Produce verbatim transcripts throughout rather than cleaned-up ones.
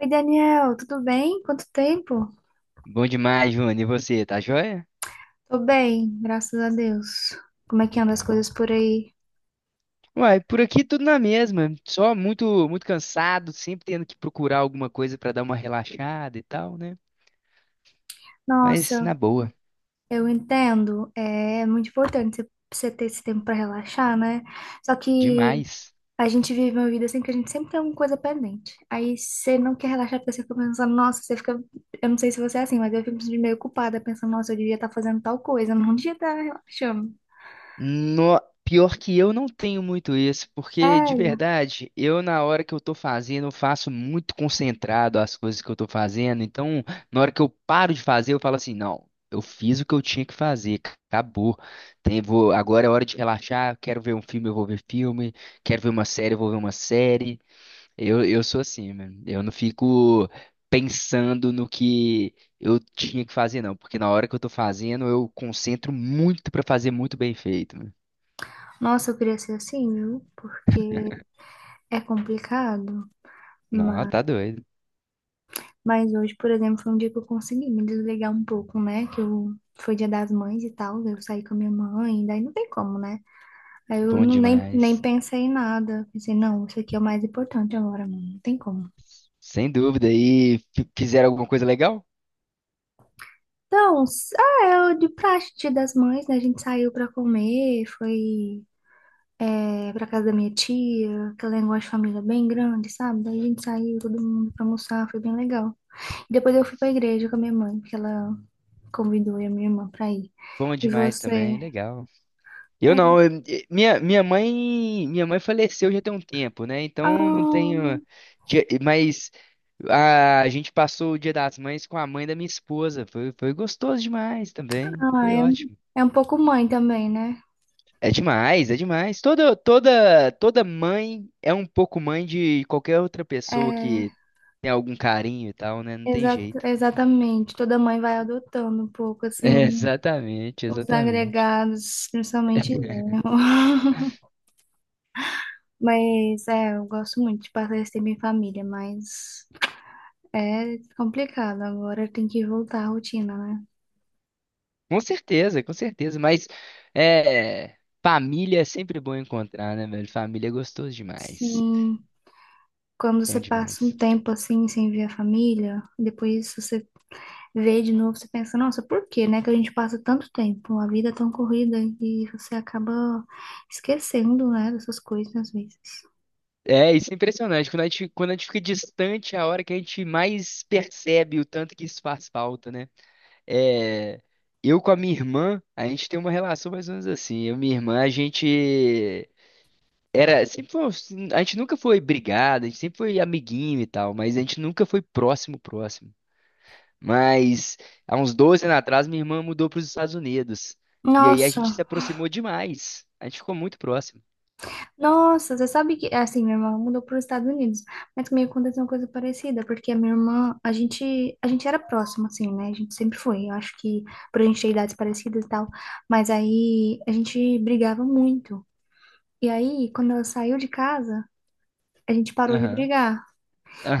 Oi, Daniel, tudo bem? Quanto tempo? Bom demais, Júnior. E você, tá joia? Tô bem, graças a Deus. Como é que andam as Legal. coisas por aí? Uai, por aqui tudo na mesma. Só muito, muito cansado, sempre tendo que procurar alguma coisa pra dar uma relaxada e tal, né? Mas na Nossa, boa, eu entendo. É muito importante você você ter esse tempo pra relaxar, né? Só que demais. a gente vive uma vida assim que a gente sempre tem alguma coisa pendente. Aí você não quer relaxar porque você fica pensando, nossa, você fica. Eu não sei se você é assim, mas eu fico me sentindo meio culpada, pensando, nossa, eu devia estar fazendo tal coisa, eu não devia estar relaxando. No... Pior que eu não tenho muito isso, porque de Sério? verdade, eu na hora que eu tô fazendo, eu faço muito concentrado as coisas que eu tô fazendo. Então, na hora que eu paro de fazer, eu falo assim, não, eu fiz o que eu tinha que fazer, c- acabou. Tem, vou... Agora é hora de relaxar, quero ver um filme, eu vou ver filme, quero ver uma série, eu vou ver uma série. Eu, eu sou assim, mano. Eu não fico pensando no que eu tinha que fazer, não, porque na hora que eu tô fazendo, eu concentro muito pra fazer muito bem feito. Nossa, eu queria ser assim, viu? Porque é complicado, Não, tá mas. doido. Mas hoje, por exemplo, foi um dia que eu consegui me desligar um pouco, né? Que eu foi dia das mães e tal, daí eu saí com a minha mãe, daí não tem como, né? Aí eu Bom não, nem, nem demais. pensei em nada. Pensei, não, isso aqui é o mais importante agora, mano. Não tem como. Sem dúvida. E fi- fizeram alguma coisa legal? Então, s- ah, é o de praxe, dia das mães, né? A gente saiu pra comer, foi é, pra casa da minha tia, aquela negócio de família bem grande, sabe? Daí a gente saiu, todo mundo pra almoçar, foi bem legal. E depois eu fui pra igreja com a minha mãe, porque ela convidou eu e a minha irmã pra ir. Bom E demais você? também, legal. Eu não, É. eu- eh, minha, minha mãe, minha mãe faleceu já tem um tempo, né? Então não Ah, tenho, dia- mas a, a gente passou o Dia das Mães com a mãe da minha esposa. Foi, foi gostoso demais também. ah, Foi é, um- ótimo. é um pouco mãe também, né? É demais, é demais. Toda, toda, toda mãe é um pouco mãe de qualquer outra pessoa É, que tem algum carinho e tal, né? Não tem exa- jeito. exatamente. Toda mãe vai adotando um pouco, É, assim, exatamente, os exatamente. agregados, principalmente genro. Mas, é, eu gosto muito de passar esse tempo em família, mas é complicado. Agora tem que voltar à rotina, né? Com certeza, com certeza. Mas é, família é sempre bom encontrar, né, velho? Família é gostoso demais. Sim, quando você Bom passa um demais. tempo, assim, sem ver a família, depois você ver de novo, você pensa, nossa, por que, né, que a gente passa tanto tempo, a vida é tão corrida e você acaba esquecendo, né, dessas coisas às vezes. É, isso é impressionante. Quando a gente, quando a gente fica distante, é a hora que a gente mais percebe o tanto que isso faz falta, né? É, eu com a minha irmã, a gente tem uma relação mais ou menos assim. Eu e minha irmã, a gente era, sempre foi, a gente nunca foi brigado, a gente sempre foi amiguinho e tal, mas a gente nunca foi próximo, próximo. Mas há uns doze anos atrás, minha irmã mudou para os Estados Unidos. E aí a gente Nossa, se aproximou demais. A gente ficou muito próximo. nossa, você sabe que, assim, minha irmã mudou para os Estados Unidos, mas comigo aconteceu uma coisa parecida, porque a minha irmã, a gente, a gente era próxima assim, né, a gente sempre foi, eu acho que por a gente ter idades parecidas e tal, mas aí a gente brigava muito, e aí, quando ela saiu de casa, a gente parou de Aham, brigar.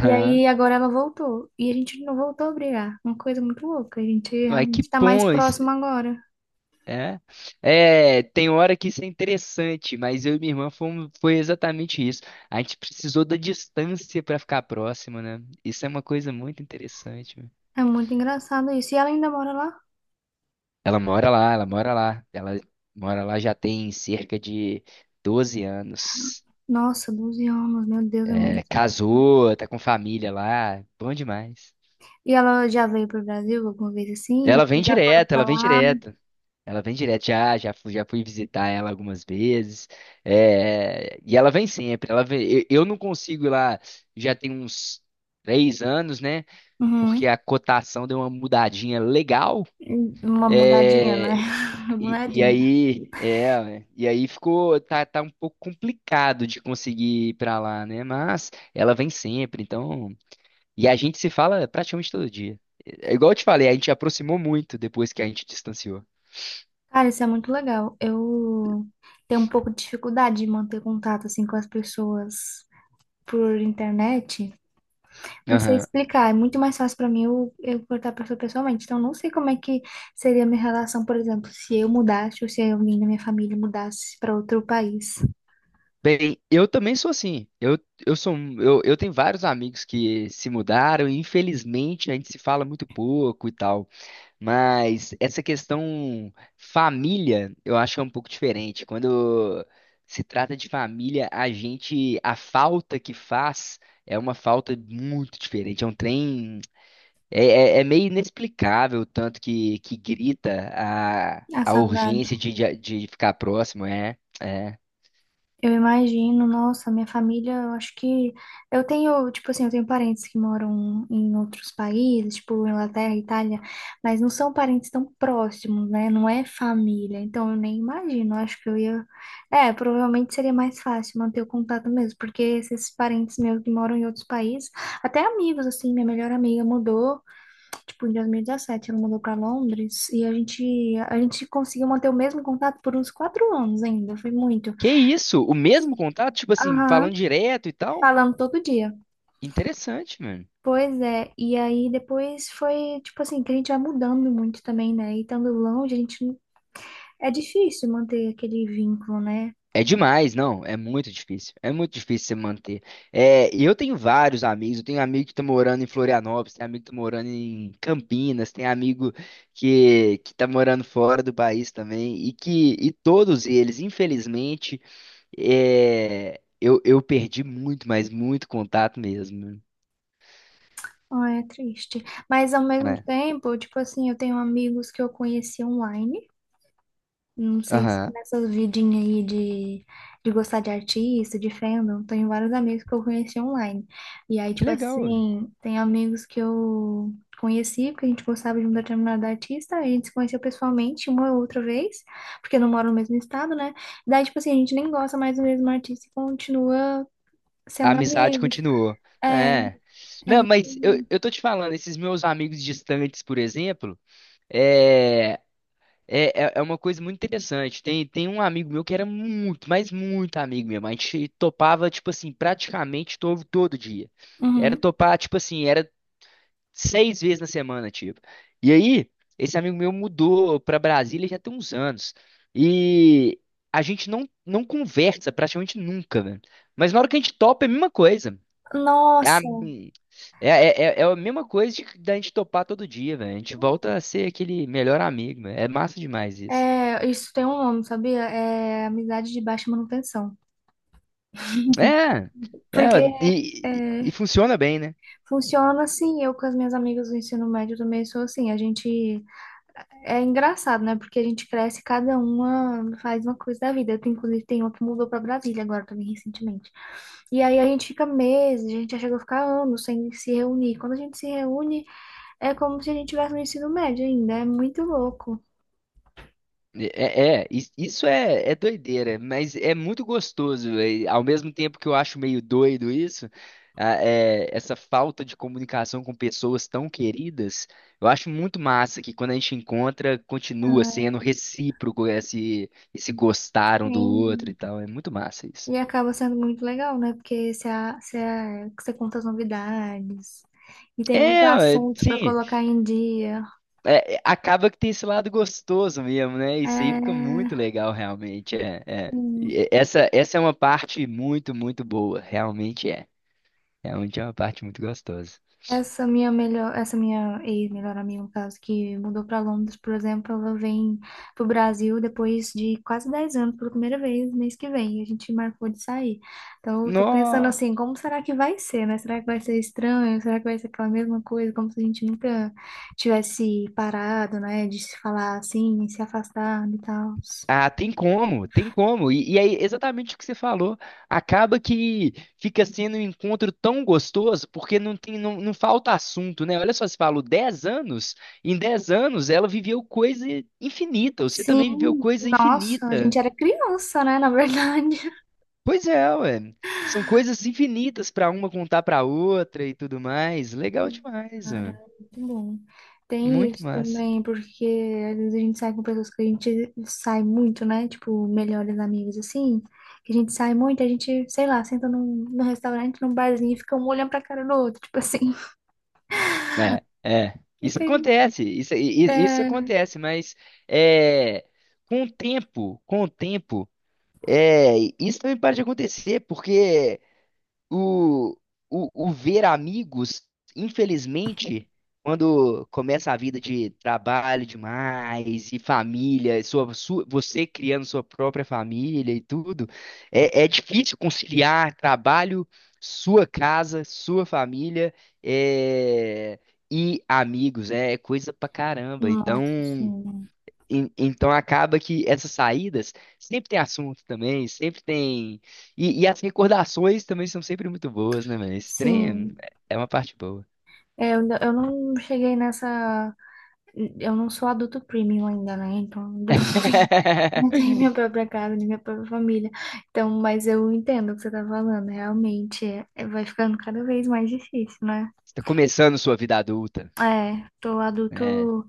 E aí agora ela voltou. E a gente não voltou a brigar. Uma coisa muito louca. A gente Mas que realmente tá mais bom isso, próximo agora. é. É, tem hora que isso é interessante, mas eu e minha irmã fomos, foi exatamente isso. A gente precisou da distância para ficar próximo, né? Isso é uma coisa muito interessante, né? É muito engraçado isso. E ela ainda mora lá? Ela mora lá, ela mora lá. Ela mora lá já tem cerca de doze anos. Nossa, doze anos, meu Deus, é É, muito tempo. casou, tá com família lá, bom demais. E ela já veio pro Brasil alguma vez assim? Ela vem Vocês já foram direto, pra ela vem lá? direto. Ela vem direto, já, já fui, já fui visitar ela algumas vezes. É, e ela vem sempre. Ela vem, eu, eu não consigo ir lá, já tem uns três anos, né? Uhum. Porque a cotação deu uma mudadinha legal. Uma mudadinha, né? É, Uma e, e mudadinha. aí, é, e aí ficou, tá, tá um pouco complicado de conseguir ir pra lá, né? Mas ela vem sempre, então. E a gente se fala praticamente todo dia. É igual eu te falei, a gente aproximou muito depois que a gente distanciou. Cara, isso é muito legal. Eu tenho um pouco de dificuldade de manter contato assim com as pessoas por internet. Não sei Aham. explicar, é muito mais fácil pra mim eu, eu cortar a pessoa pessoalmente. Então, não sei como é que seria a minha relação, por exemplo, se eu mudasse ou se alguém da minha família mudasse pra outro país. Bem, eu também sou assim. Eu, eu sou, um- eu, eu tenho vários amigos que se mudaram e infelizmente a gente se fala muito pouco e tal. Mas essa questão família, eu acho que é um pouco diferente. Quando se trata de família, a gente, a falta que faz é uma falta muito diferente. É um trem. É, é- é meio inexplicável o tanto que, que grita a, A a saudade. urgência de, de, de ficar próximo, é, é. Eu imagino, nossa, minha família, eu acho que eu tenho, tipo assim, eu tenho parentes que moram em outros países, tipo Inglaterra, Itália, mas não são parentes tão próximos, né? Não é família, então eu nem imagino, eu acho que eu ia, é, provavelmente seria mais fácil manter o contato mesmo, porque esses parentes meus que moram em outros países, até amigos assim, minha melhor amiga mudou, tipo em dois mil e dezessete ela mudou para Londres e a gente a gente conseguiu manter o mesmo contato por uns quatro anos ainda, foi muito. Que isso? O mesmo contato? Tipo assim, Aham, falando direto e tal? falando todo dia. Interessante, mano. Pois é, e aí depois foi, tipo assim, que a gente vai mudando muito também, né? E estando longe, a gente. não- É difícil manter aquele vínculo, né? É demais, não, é muito difícil. É muito difícil você manter. É, e eu tenho vários amigos, eu tenho amigo que tá morando em Florianópolis, tem amigo que tá morando em Campinas, tem amigo que, que tá morando fora do país também, e que e todos eles, infelizmente, é, eu, eu perdi muito, mas muito contato mesmo, Ah, é triste. Mas ao mesmo né? tempo, tipo assim, eu tenho amigos que eu conheci online. Não sei se Aham. nessas vidinhas aí de, de gostar de artista, de fandom, tenho vários amigos que eu conheci online. E aí, Que tipo legal, ué. assim, tem amigos que eu conheci, porque a gente gostava de um determinado artista, a gente se conheceu pessoalmente uma ou outra vez, porque não mora no mesmo estado, né? Daí, tipo assim, a gente nem gosta mais do mesmo artista e continua A sendo amizade amigos. continuou. É, É. é Não, mas eu, muito. eu tô te falando, esses meus amigos distantes, por exemplo, é, é, é é uma coisa muito interessante. Tem, tem um amigo meu que era muito, mas muito amigo mesmo. A gente topava, tipo assim, praticamente todo, todo dia. Era Uhum. topar, tipo assim, era seis vezes na semana, tipo. E aí, esse amigo meu mudou pra Brasília já tem uns anos. E a gente não, não conversa praticamente nunca, velho. Mas na hora que a gente topa, é a mesma coisa. É a, Nossa, é, é, é é a mesma coisa de, da gente topar todo dia, velho. A gente volta a ser aquele melhor amigo, velho. É massa demais isso. é, isso tem um nome, sabia? É amizade de baixa manutenção. É, é, Porque e, e é, funciona bem, né? funciona assim, eu com as minhas amigas do ensino médio também sou assim, a gente é engraçado, né? Porque a gente cresce, cada uma faz uma coisa da vida. Eu tenho, inclusive, tem uma que mudou pra Brasília agora também recentemente. E aí a gente fica meses, a gente já chegou a ficar anos sem se reunir. Quando a gente se reúne, é como se a gente tivesse no ensino médio ainda, é muito louco. É, é, is- isso é, é doideira, mas é muito gostoso. É, ao mesmo tempo que eu acho meio doido isso, a- é, essa falta de comunicação com pessoas tão queridas, eu acho muito massa que quando a gente encontra, continua Ah, sendo recíproco esse, esse gostaram do outro e sim. tal. É muito massa isso. E acaba sendo muito legal, né? Porque você, a- você, a- você conta as novidades. E tem muito É, ó, é, assunto para sim. colocar em dia. É, é, acaba que tem esse lado gostoso mesmo, né? Isso aí fica muito É, legal, realmente. É, é. sim. E Essa, essa é uma parte muito, muito boa. Realmente é. Realmente é uma parte muito gostosa. Essa minha melhor, essa minha ex-melhor amiga, no caso, que mudou para Londres, por exemplo, ela vem pro Brasil depois de quase dez anos pela primeira vez, mês que vem. A gente marcou de sair. Então, eu tô pensando No... assim, como será que vai ser, né? Será que vai ser estranho? Será que vai ser aquela mesma coisa, como se a gente nunca tivesse parado, né? De se falar assim, se afastar e tal. Ah, tem como, tem como. E, e aí, exatamente o que você falou. Acaba que fica sendo um encontro tão gostoso, porque não tem, não, não falta assunto, né? Olha só, você falou dez anos. Em dez anos, ela viveu coisa infinita. Você também viveu Sim, coisa nossa, a infinita. gente era criança, né? Na verdade. Pois é, ué. São coisas infinitas pra uma contar pra outra e tudo mais. Legal demais, Cara, ué. muito bom. Tem Muito isso massa. também, porque às vezes a gente sai com pessoas que a gente sai muito, né? Tipo, melhores amigos, assim. Que a gente sai muito, a gente, sei lá, senta num, num restaurante, num barzinho e fica um olhando pra cara do outro. Tipo assim, É, é. Isso fica aí. acontece, isso, i- i- isso É... acontece, mas é, com o tempo, com o tempo, é, isso também para de acontecer, porque O, o, o ver amigos, infelizmente, quando começa a vida de trabalho demais e família, e sua, sua- você criando sua própria família e tudo, é, é difícil conciliar trabalho, sua casa, sua família, é, e amigos, né? É coisa pra caramba. Nossa, Então. sim. En- Então acaba que essas saídas sempre tem assunto também, sempre tem. E, e as recordações também são sempre muito boas, né, mano? Esse trem Sim. é é uma parte boa. É, eu, ainda- eu não cheguei nessa. Eu não sou adulto premium ainda, né? Então, ainda não tenho. Não tenho minha própria casa, nem minha própria família. Então, mas eu entendo o que você tá falando. Realmente, é- é- vai ficando cada vez mais difícil, né? Você tá começando sua vida adulta, É, tô né? adulto.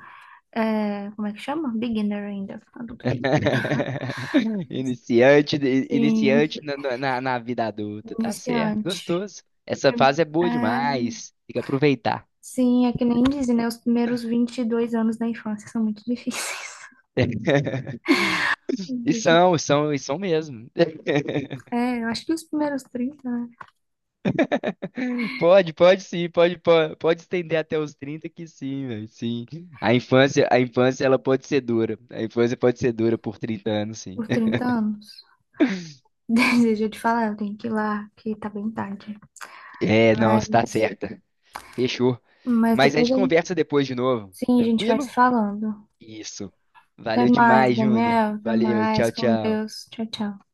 É, como é que chama? Beginner ainda. Adulto beginner. Iniciante, de- Sim, iniciante na, na, na- na vida adulta. Tá certo, iniciante. gostoso. Essa fase é boa É, demais. Tem que aproveitar. sim, é que nem dizem, né? Os primeiros vinte e dois anos da infância são muito difíceis. E Deixa- são, e são, e são mesmo. É, eu acho que os primeiros trinta, né? Pode, pode sim, pode, pode, pode estender até os trinta que sim, velho, sim. A infância, a infância ela pode ser dura. A infância pode ser dura por trinta anos, sim. Por trinta anos. Desejo te falar, eu tenho que ir lá, que tá bem tarde. É, não, você tá Mas certa. Fechou. Mas Mas a depois gente a gente, conversa depois de novo. sim, a gente vai se Tranquilo? falando. Isso. Até Valeu mais, demais, Júnior. Daniel. Até Valeu, mais. tchau, Com tchau. Deus. Tchau, tchau.